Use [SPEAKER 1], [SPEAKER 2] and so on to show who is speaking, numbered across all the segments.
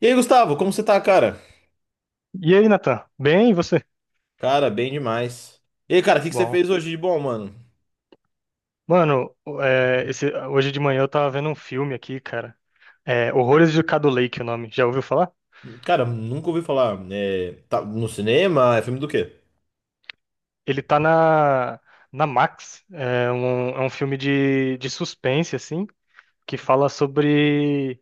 [SPEAKER 1] E aí, Gustavo, como você tá, cara?
[SPEAKER 2] E aí, Nathan? Bem, e você?
[SPEAKER 1] Cara, bem demais. E aí, cara, o que que você
[SPEAKER 2] Bom,
[SPEAKER 1] fez hoje de bom, mano?
[SPEAKER 2] mano, esse- hoje de manhã eu tava vendo um filme aqui, cara. É, Horrores de Cado Lake, o nome. Já ouviu falar?
[SPEAKER 1] Cara, nunca ouvi falar. É, tá no cinema? É filme do quê?
[SPEAKER 2] Ele tá na Max. É um filme de suspense, assim, que fala sobre.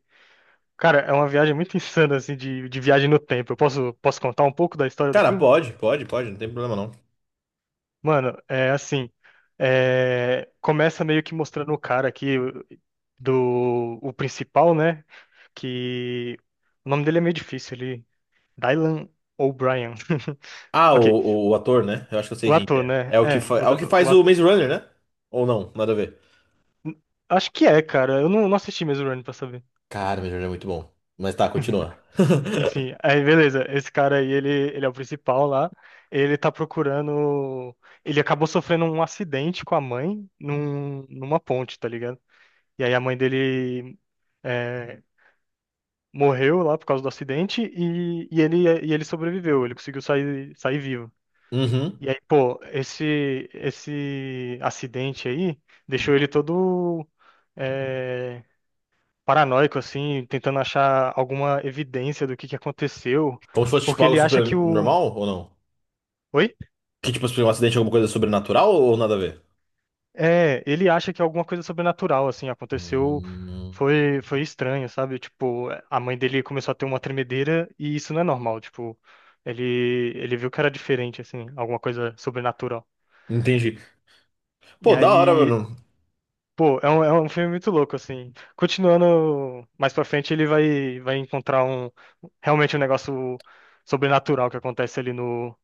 [SPEAKER 2] Cara, é uma viagem muito insana, assim, de viagem no tempo. Eu posso contar um pouco da história do
[SPEAKER 1] Cara,
[SPEAKER 2] filme?
[SPEAKER 1] pode, não tem problema não.
[SPEAKER 2] Mano, é assim. Começa meio que mostrando o cara aqui do o principal, né? Que o nome dele é meio difícil, ele Dylan O'Brien.
[SPEAKER 1] Ah,
[SPEAKER 2] Ok,
[SPEAKER 1] o ator, né? Eu acho que eu sei
[SPEAKER 2] o
[SPEAKER 1] quem que
[SPEAKER 2] ator,
[SPEAKER 1] é.
[SPEAKER 2] né?
[SPEAKER 1] É o que,
[SPEAKER 2] É, o,
[SPEAKER 1] é o que
[SPEAKER 2] do- o
[SPEAKER 1] faz o
[SPEAKER 2] ator.
[SPEAKER 1] Maze Runner, né? Ou não, nada a ver.
[SPEAKER 2] Acho que é, cara. Eu não assisti mesmo Run pra saber.
[SPEAKER 1] Cara, o Maze Runner é muito bom. Mas tá, continua.
[SPEAKER 2] Enfim, aí beleza. Esse cara aí, ele é o principal lá. Ele tá procurando. Ele acabou sofrendo um acidente com a mãe numa ponte, tá ligado? E aí a mãe dele é, morreu lá por causa do acidente e e ele sobreviveu. Ele conseguiu sair vivo.
[SPEAKER 1] Uhum.
[SPEAKER 2] E aí, pô, esse acidente aí deixou ele todo eh, paranoico, assim, tentando achar alguma evidência do que aconteceu,
[SPEAKER 1] Como se fosse tipo
[SPEAKER 2] porque
[SPEAKER 1] algo
[SPEAKER 2] ele acha que
[SPEAKER 1] super
[SPEAKER 2] o...
[SPEAKER 1] normal ou não?
[SPEAKER 2] Oi?
[SPEAKER 1] Que tipo, se um acidente, alguma coisa sobrenatural ou nada a ver?
[SPEAKER 2] É, ele acha que alguma coisa sobrenatural, assim, aconteceu,
[SPEAKER 1] Hum,
[SPEAKER 2] foi estranho, sabe? Tipo, a mãe dele começou a ter uma tremedeira e isso não é normal, tipo, ele viu que era diferente, assim, alguma coisa sobrenatural.
[SPEAKER 1] entendi. Pô,
[SPEAKER 2] E
[SPEAKER 1] da hora,
[SPEAKER 2] aí
[SPEAKER 1] mano,
[SPEAKER 2] pô, é um filme muito louco, assim. Continuando mais pra frente, ele vai encontrar um realmente um negócio sobrenatural que acontece ali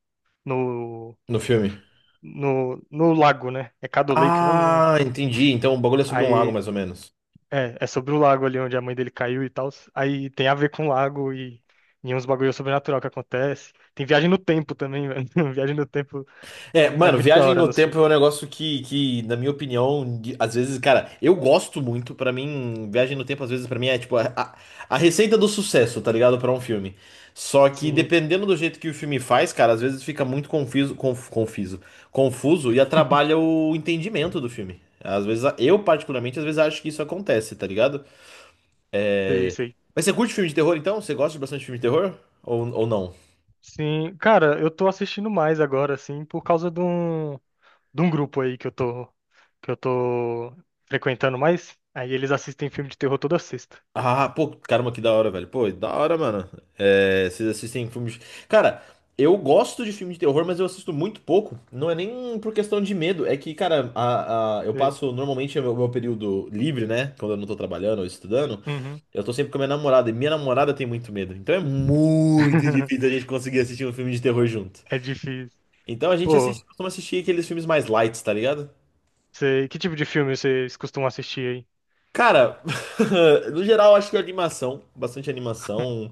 [SPEAKER 2] no,
[SPEAKER 1] no filme.
[SPEAKER 2] no lago, né? É Caddo Lake o nome, né?
[SPEAKER 1] Ah, entendi. Então o bagulho é sobre um lago,
[SPEAKER 2] Aí
[SPEAKER 1] mais ou menos.
[SPEAKER 2] é, é sobre o lago ali onde a mãe dele caiu e tal. Aí tem a ver com o lago e uns bagulho sobrenatural que acontece. Tem viagem no tempo também, velho. Viagem no tempo
[SPEAKER 1] É,
[SPEAKER 2] é
[SPEAKER 1] mano,
[SPEAKER 2] muito da
[SPEAKER 1] viagem
[SPEAKER 2] hora
[SPEAKER 1] no
[SPEAKER 2] no
[SPEAKER 1] tempo
[SPEAKER 2] filme.
[SPEAKER 1] é um negócio que na minha opinião, às vezes, cara, eu gosto muito. Pra mim, viagem no tempo, às vezes, pra mim é tipo a receita do sucesso, tá ligado? Pra um filme. Só que
[SPEAKER 2] Sim,
[SPEAKER 1] dependendo do jeito que o filme faz, cara, às vezes fica muito confuso, confuso, confuso e atrapalha o entendimento do filme. Às vezes, eu particularmente, às vezes acho que isso acontece, tá ligado? É...
[SPEAKER 2] sei.
[SPEAKER 1] Mas você curte filme de terror, então? Você gosta de bastante filme de terror? Ou não?
[SPEAKER 2] Sim, cara, eu tô assistindo mais agora, assim, por causa de um. De um grupo aí que eu tô frequentando mais. Aí eles assistem filme de terror toda sexta.
[SPEAKER 1] Ah, pô, caramba, que da hora, velho. Pô, da hora, mano. É, vocês assistem filmes. Cara, eu gosto de filme de terror, mas eu assisto muito pouco. Não é nem por questão de medo. É que, cara, eu
[SPEAKER 2] Sei.
[SPEAKER 1] passo normalmente o meu período livre, né? Quando eu não tô trabalhando ou estudando,
[SPEAKER 2] Uhum.
[SPEAKER 1] eu tô sempre com a minha namorada. E minha namorada tem muito medo. Então é muito difícil a gente conseguir assistir um filme de terror junto.
[SPEAKER 2] É difícil.
[SPEAKER 1] Então a gente
[SPEAKER 2] Pô,
[SPEAKER 1] assiste, costuma assistir aqueles filmes mais light, tá ligado?
[SPEAKER 2] sei. Que tipo de filme vocês costumam assistir aí?
[SPEAKER 1] Cara, no geral, acho que é animação, bastante animação.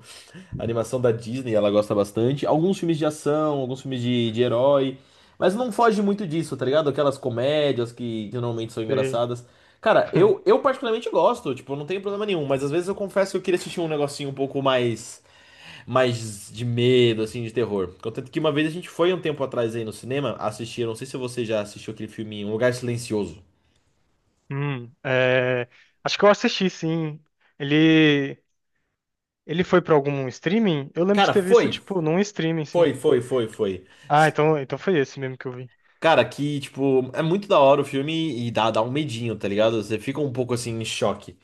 [SPEAKER 1] Animação da Disney, ela gosta bastante. Alguns filmes de ação, alguns filmes de herói. Mas não foge muito disso, tá ligado? Aquelas comédias que normalmente são
[SPEAKER 2] Sei.
[SPEAKER 1] engraçadas. Cara, eu, eu particularmente gosto, tipo, eu não tenho problema nenhum, mas às vezes eu confesso que eu queria assistir um negocinho um pouco mais, mais de medo, assim, de terror. Contanto que uma vez a gente foi um tempo atrás aí no cinema assistir, eu não sei se você já assistiu aquele filme Um Lugar Silencioso.
[SPEAKER 2] É, acho que eu assisti, sim. Ele, Ele foi pra algum streaming? Eu lembro de
[SPEAKER 1] Cara,
[SPEAKER 2] ter visto, tipo, num streaming, sim.
[SPEAKER 1] foi.
[SPEAKER 2] Ah, então, então foi esse mesmo que eu vi.
[SPEAKER 1] Cara, que, tipo, é muito da hora o filme e dá um medinho, tá ligado? Você fica um pouco assim em choque.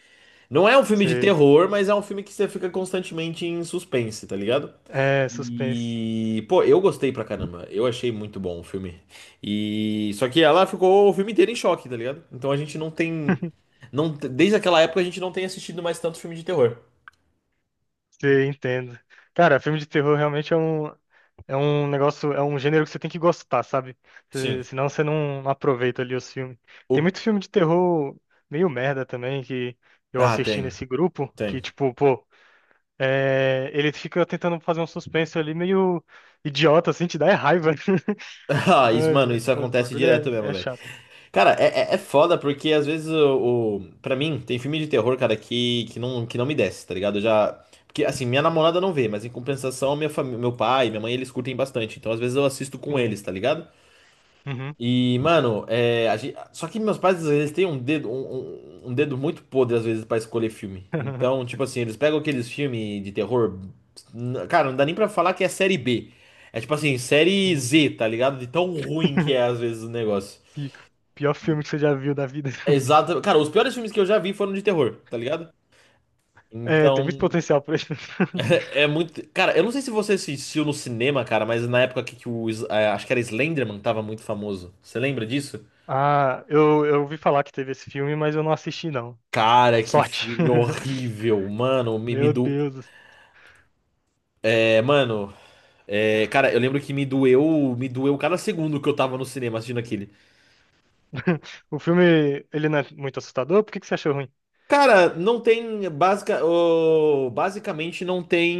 [SPEAKER 1] Não é um filme de
[SPEAKER 2] Sei.
[SPEAKER 1] terror, mas é um filme que você fica constantemente em suspense, tá ligado?
[SPEAKER 2] É, suspense.
[SPEAKER 1] E, pô, eu gostei pra caramba. Eu achei muito bom o filme. E só que ela ficou o filme inteiro em choque, tá ligado? Então a gente não tem não t- desde aquela época a gente não tem assistido mais tanto filme de terror.
[SPEAKER 2] Sim, entendo. Cara, filme de terror realmente é um negócio, é um gênero que você tem que gostar, sabe? Você-
[SPEAKER 1] Sim.
[SPEAKER 2] senão você não aproveita ali os filmes. Tem
[SPEAKER 1] O
[SPEAKER 2] muito filme de terror meio merda também que eu
[SPEAKER 1] Ah,
[SPEAKER 2] assisti nesse grupo, que
[SPEAKER 1] tem.
[SPEAKER 2] tipo, pô, é, ele fica tentando fazer um suspense ali meio idiota, assim, te dá é raiva.
[SPEAKER 1] Ah, isso,
[SPEAKER 2] Ai,
[SPEAKER 1] mano, isso
[SPEAKER 2] velho, os
[SPEAKER 1] acontece direto
[SPEAKER 2] bagulho
[SPEAKER 1] mesmo,
[SPEAKER 2] é, é
[SPEAKER 1] velho.
[SPEAKER 2] chato.
[SPEAKER 1] Cara, é foda porque às vezes o para mim tem filme de terror, cara, que não me desce, tá ligado? Eu já porque assim, minha namorada não vê, mas em compensação, meu pai, minha mãe, eles curtem bastante. Então às vezes eu assisto com
[SPEAKER 2] Sim.
[SPEAKER 1] eles, tá ligado?
[SPEAKER 2] Uhum.
[SPEAKER 1] E, mano, é, a gente, só que meus pais às vezes têm um dedo um dedo muito podre às vezes pra escolher filme. Então, tipo assim, eles pegam aqueles filmes de terror, cara, não dá nem pra falar que é série B. É tipo assim, série
[SPEAKER 2] Sim.
[SPEAKER 1] Z, tá ligado? De tão ruim que é às vezes o negócio.
[SPEAKER 2] Pi- Pior filme que você já viu da vida.
[SPEAKER 1] Exato. Cara, os piores filmes que eu já vi foram de terror, tá ligado?
[SPEAKER 2] É, tem muito
[SPEAKER 1] Então,
[SPEAKER 2] potencial pra isso.
[SPEAKER 1] é muito. Cara, eu não sei se você assistiu no cinema, cara, mas na época que o. É, acho que era Slenderman, tava muito famoso. Você lembra disso?
[SPEAKER 2] Ah, eu ouvi falar que teve esse filme, mas eu não assisti, não.
[SPEAKER 1] Cara, que
[SPEAKER 2] Sorte.
[SPEAKER 1] filme horrível. Mano, me
[SPEAKER 2] Meu
[SPEAKER 1] do.
[SPEAKER 2] Deus.
[SPEAKER 1] É, mano. É, cara, eu lembro que me doeu. Me doeu cada segundo que eu tava no cinema assistindo aquele.
[SPEAKER 2] O filme, ele não é muito assustador? Por que que você achou ruim?
[SPEAKER 1] Cara, não tem basicamente não tem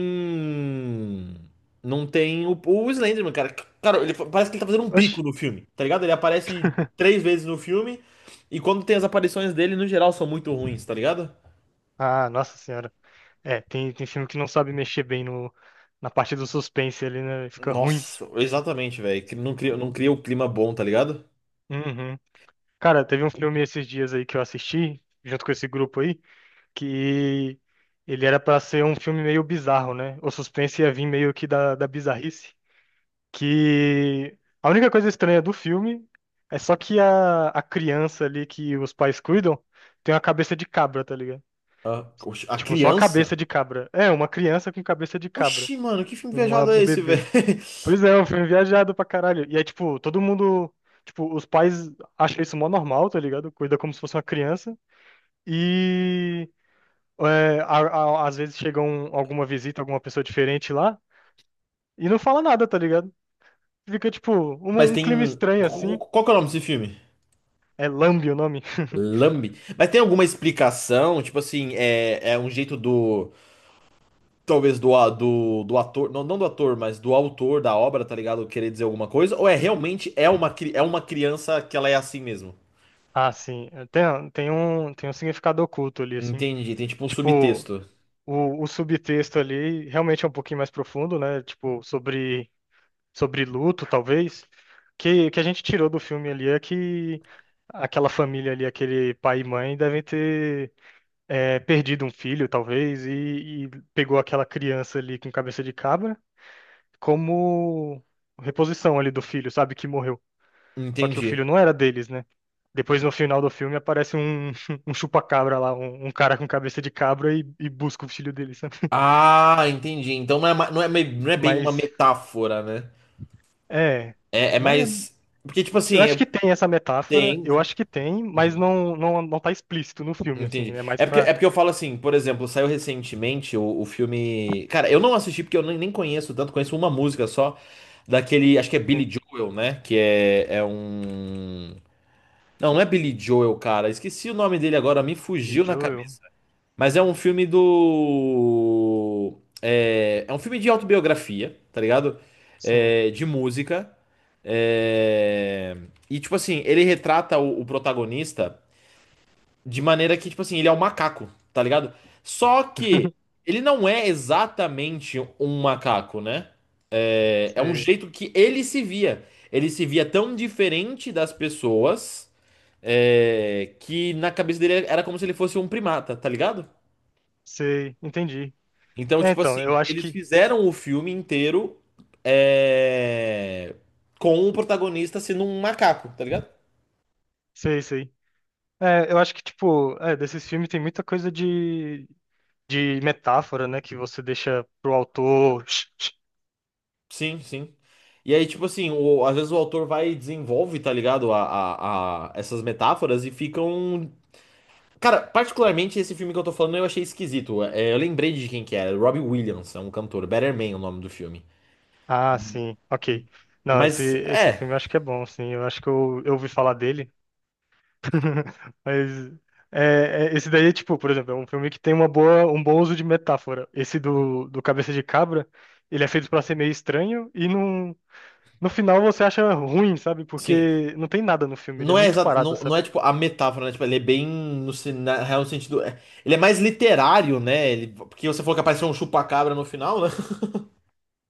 [SPEAKER 1] não tem o Slenderman, cara. Cara, parece que ele tá fazendo um
[SPEAKER 2] Oxi.
[SPEAKER 1] bico no filme, tá ligado? Ele aparece três vezes no filme e quando tem as aparições dele, no geral, são muito ruins, tá ligado?
[SPEAKER 2] Ah, nossa senhora. É, tem filme que não sabe mexer bem no, na parte do suspense ali, né? Fica ruim.
[SPEAKER 1] Nossa, exatamente, velho. Que não cria o clima bom, tá ligado?
[SPEAKER 2] Uhum. Cara, teve um filme esses dias aí que eu assisti, junto com esse grupo aí, que ele era pra ser um filme meio bizarro, né? O suspense ia vir meio que da bizarrice. Que a única coisa estranha do filme é só que a criança ali que os pais cuidam tem uma cabeça de cabra, tá ligado?
[SPEAKER 1] A, oxi, a
[SPEAKER 2] Tipo, só a cabeça
[SPEAKER 1] criança?
[SPEAKER 2] de cabra. É, uma criança com cabeça de cabra.
[SPEAKER 1] Oxi, mano, que filme
[SPEAKER 2] Uma-
[SPEAKER 1] viajado é
[SPEAKER 2] um
[SPEAKER 1] esse, velho?
[SPEAKER 2] bebê. Pois é, é um filme viajado pra caralho. E aí, tipo, todo mundo. Tipo, os pais acham isso mó normal, tá ligado? Cuida como se fosse uma criança. E. é, a- às vezes chega um- alguma visita, alguma pessoa diferente lá. E não fala nada, tá ligado? Fica, tipo,
[SPEAKER 1] Mas
[SPEAKER 2] um um clima
[SPEAKER 1] tem.
[SPEAKER 2] estranho assim.
[SPEAKER 1] Qual que é o nome desse filme?
[SPEAKER 2] É Lambe o nome?
[SPEAKER 1] Lambe. Mas tem alguma explicação? Tipo assim, é um jeito do. Talvez do, do, do ator. Não do ator, mas do autor da obra, tá ligado? Querer dizer alguma coisa? Ou é realmente é uma, é uma criança que ela é assim mesmo?
[SPEAKER 2] Ah, sim. É, tem, tem um significado oculto ali, assim.
[SPEAKER 1] Entendi. Tem tipo um
[SPEAKER 2] Tipo,
[SPEAKER 1] subtexto.
[SPEAKER 2] o subtexto ali realmente é um pouquinho mais profundo, né? Tipo, sobre, sobre luto, talvez. Que a gente tirou do filme ali é que aquela família ali, aquele pai e mãe, devem ter é, perdido um filho, talvez, e pegou aquela criança ali com cabeça de cabra como reposição ali do filho, sabe? Que morreu. Só que o
[SPEAKER 1] Entendi.
[SPEAKER 2] filho não era deles, né? Depois, no final do filme, aparece um, um chupa-cabra lá, um cara com cabeça de cabra e busca o filho dele, sabe?
[SPEAKER 1] Ah, entendi. Então não é, não é, não é bem uma
[SPEAKER 2] Mas,
[SPEAKER 1] metáfora, né?
[SPEAKER 2] é.
[SPEAKER 1] É, é
[SPEAKER 2] Mas
[SPEAKER 1] mais. Porque, tipo
[SPEAKER 2] eu
[SPEAKER 1] assim,
[SPEAKER 2] acho que tem essa metáfora, eu
[SPEAKER 1] tem.
[SPEAKER 2] acho que tem, mas
[SPEAKER 1] Uhum.
[SPEAKER 2] não tá explícito no filme, assim.
[SPEAKER 1] Entendi.
[SPEAKER 2] É mais
[SPEAKER 1] É
[SPEAKER 2] pra.
[SPEAKER 1] porque eu falo assim, por exemplo, saiu recentemente o filme. Cara, eu não assisti porque eu nem conheço tanto, conheço uma música só daquele. Acho que é Billy
[SPEAKER 2] Sim,
[SPEAKER 1] Joel, né? Que é, é um. Não, não é Billy Joel, cara. Esqueci o nome dele agora, me
[SPEAKER 2] de
[SPEAKER 1] fugiu na
[SPEAKER 2] Joel,
[SPEAKER 1] cabeça. Mas é um filme do. É, é um filme de autobiografia, tá ligado?
[SPEAKER 2] sim.
[SPEAKER 1] É, de música. É, E, tipo assim, ele retrata o protagonista. De maneira que, tipo assim, ele é um macaco, tá ligado? Só que ele não é exatamente um macaco, né? É, é um
[SPEAKER 2] Sei,
[SPEAKER 1] jeito que ele se via. Ele se via tão diferente das pessoas, é, que na cabeça dele era como se ele fosse um primata, tá ligado?
[SPEAKER 2] sei, entendi.
[SPEAKER 1] Então,
[SPEAKER 2] É,
[SPEAKER 1] tipo
[SPEAKER 2] então, eu
[SPEAKER 1] assim,
[SPEAKER 2] acho
[SPEAKER 1] eles
[SPEAKER 2] que.
[SPEAKER 1] fizeram o filme inteiro, é, com o protagonista sendo um macaco, tá ligado?
[SPEAKER 2] Sei, sei. É, eu acho que, tipo, é, desses filmes tem muita coisa de metáfora, né? Que você deixa pro autor
[SPEAKER 1] Sim, sim. E aí, tipo assim, às vezes o autor vai e desenvolve, tá ligado? Essas metáforas e ficam. Cara, particularmente esse filme que eu tô falando eu achei esquisito. É, eu lembrei de quem que era, Robbie Williams, é um cantor, Better Man é o nome do filme.
[SPEAKER 2] ah, sim, ok. Não,
[SPEAKER 1] Mas
[SPEAKER 2] esse
[SPEAKER 1] é,
[SPEAKER 2] filme eu acho que é bom, sim. Eu acho que eu ouvi falar dele. Mas é, é- esse daí, é tipo, por exemplo, é um filme que tem uma boa, um bom uso de metáfora. Esse do Cabeça de Cabra, ele é feito pra ser meio estranho e não, no final você acha ruim, sabe?
[SPEAKER 1] sim.
[SPEAKER 2] Porque não tem nada no filme, ele
[SPEAKER 1] Não
[SPEAKER 2] é
[SPEAKER 1] é,
[SPEAKER 2] muito parado,
[SPEAKER 1] não, não
[SPEAKER 2] sabe?
[SPEAKER 1] é tipo a metáfora, né? Tipo, ele é bem no na real sentido. É, ele é mais literário, né? Ele, porque você falou que apareceu um chupa-cabra no final, né?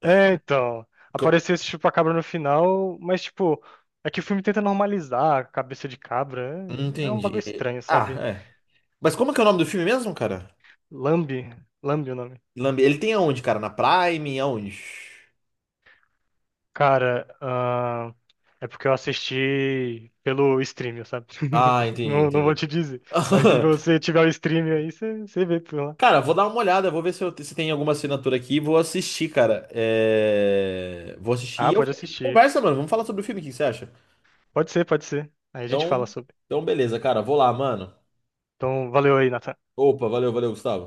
[SPEAKER 2] É, então.
[SPEAKER 1] Co-
[SPEAKER 2] Apareceu esse chupacabra no final, mas, tipo, é que o filme tenta normalizar a cabeça de cabra. É, é um bagulho
[SPEAKER 1] Entendi.
[SPEAKER 2] estranho,
[SPEAKER 1] Ah,
[SPEAKER 2] sabe?
[SPEAKER 1] é. Mas como que é o nome do filme mesmo, cara?
[SPEAKER 2] Lambe. Lambe o nome.
[SPEAKER 1] Lambe- Ele tem aonde, cara? Na Prime? Aonde?
[SPEAKER 2] Cara, é porque eu assisti pelo stream, sabe?
[SPEAKER 1] Ah, entendi,
[SPEAKER 2] Não, não vou
[SPEAKER 1] entendi.
[SPEAKER 2] te dizer. Mas se você tiver o stream aí, você vê por lá.
[SPEAKER 1] Cara, vou dar uma olhada, vou ver se, se tem alguma assinatura aqui. Vou assistir, cara. É, vou assistir e
[SPEAKER 2] Ah,
[SPEAKER 1] eu...
[SPEAKER 2] pode assistir.
[SPEAKER 1] conversa, mano. Vamos falar sobre o filme, o que que você acha?
[SPEAKER 2] Pode ser, pode ser. Aí a gente
[SPEAKER 1] Então,
[SPEAKER 2] fala sobre.
[SPEAKER 1] então, beleza, cara. Vou lá, mano.
[SPEAKER 2] Então, valeu aí, Nathan.
[SPEAKER 1] Opa, valeu, Gustavo.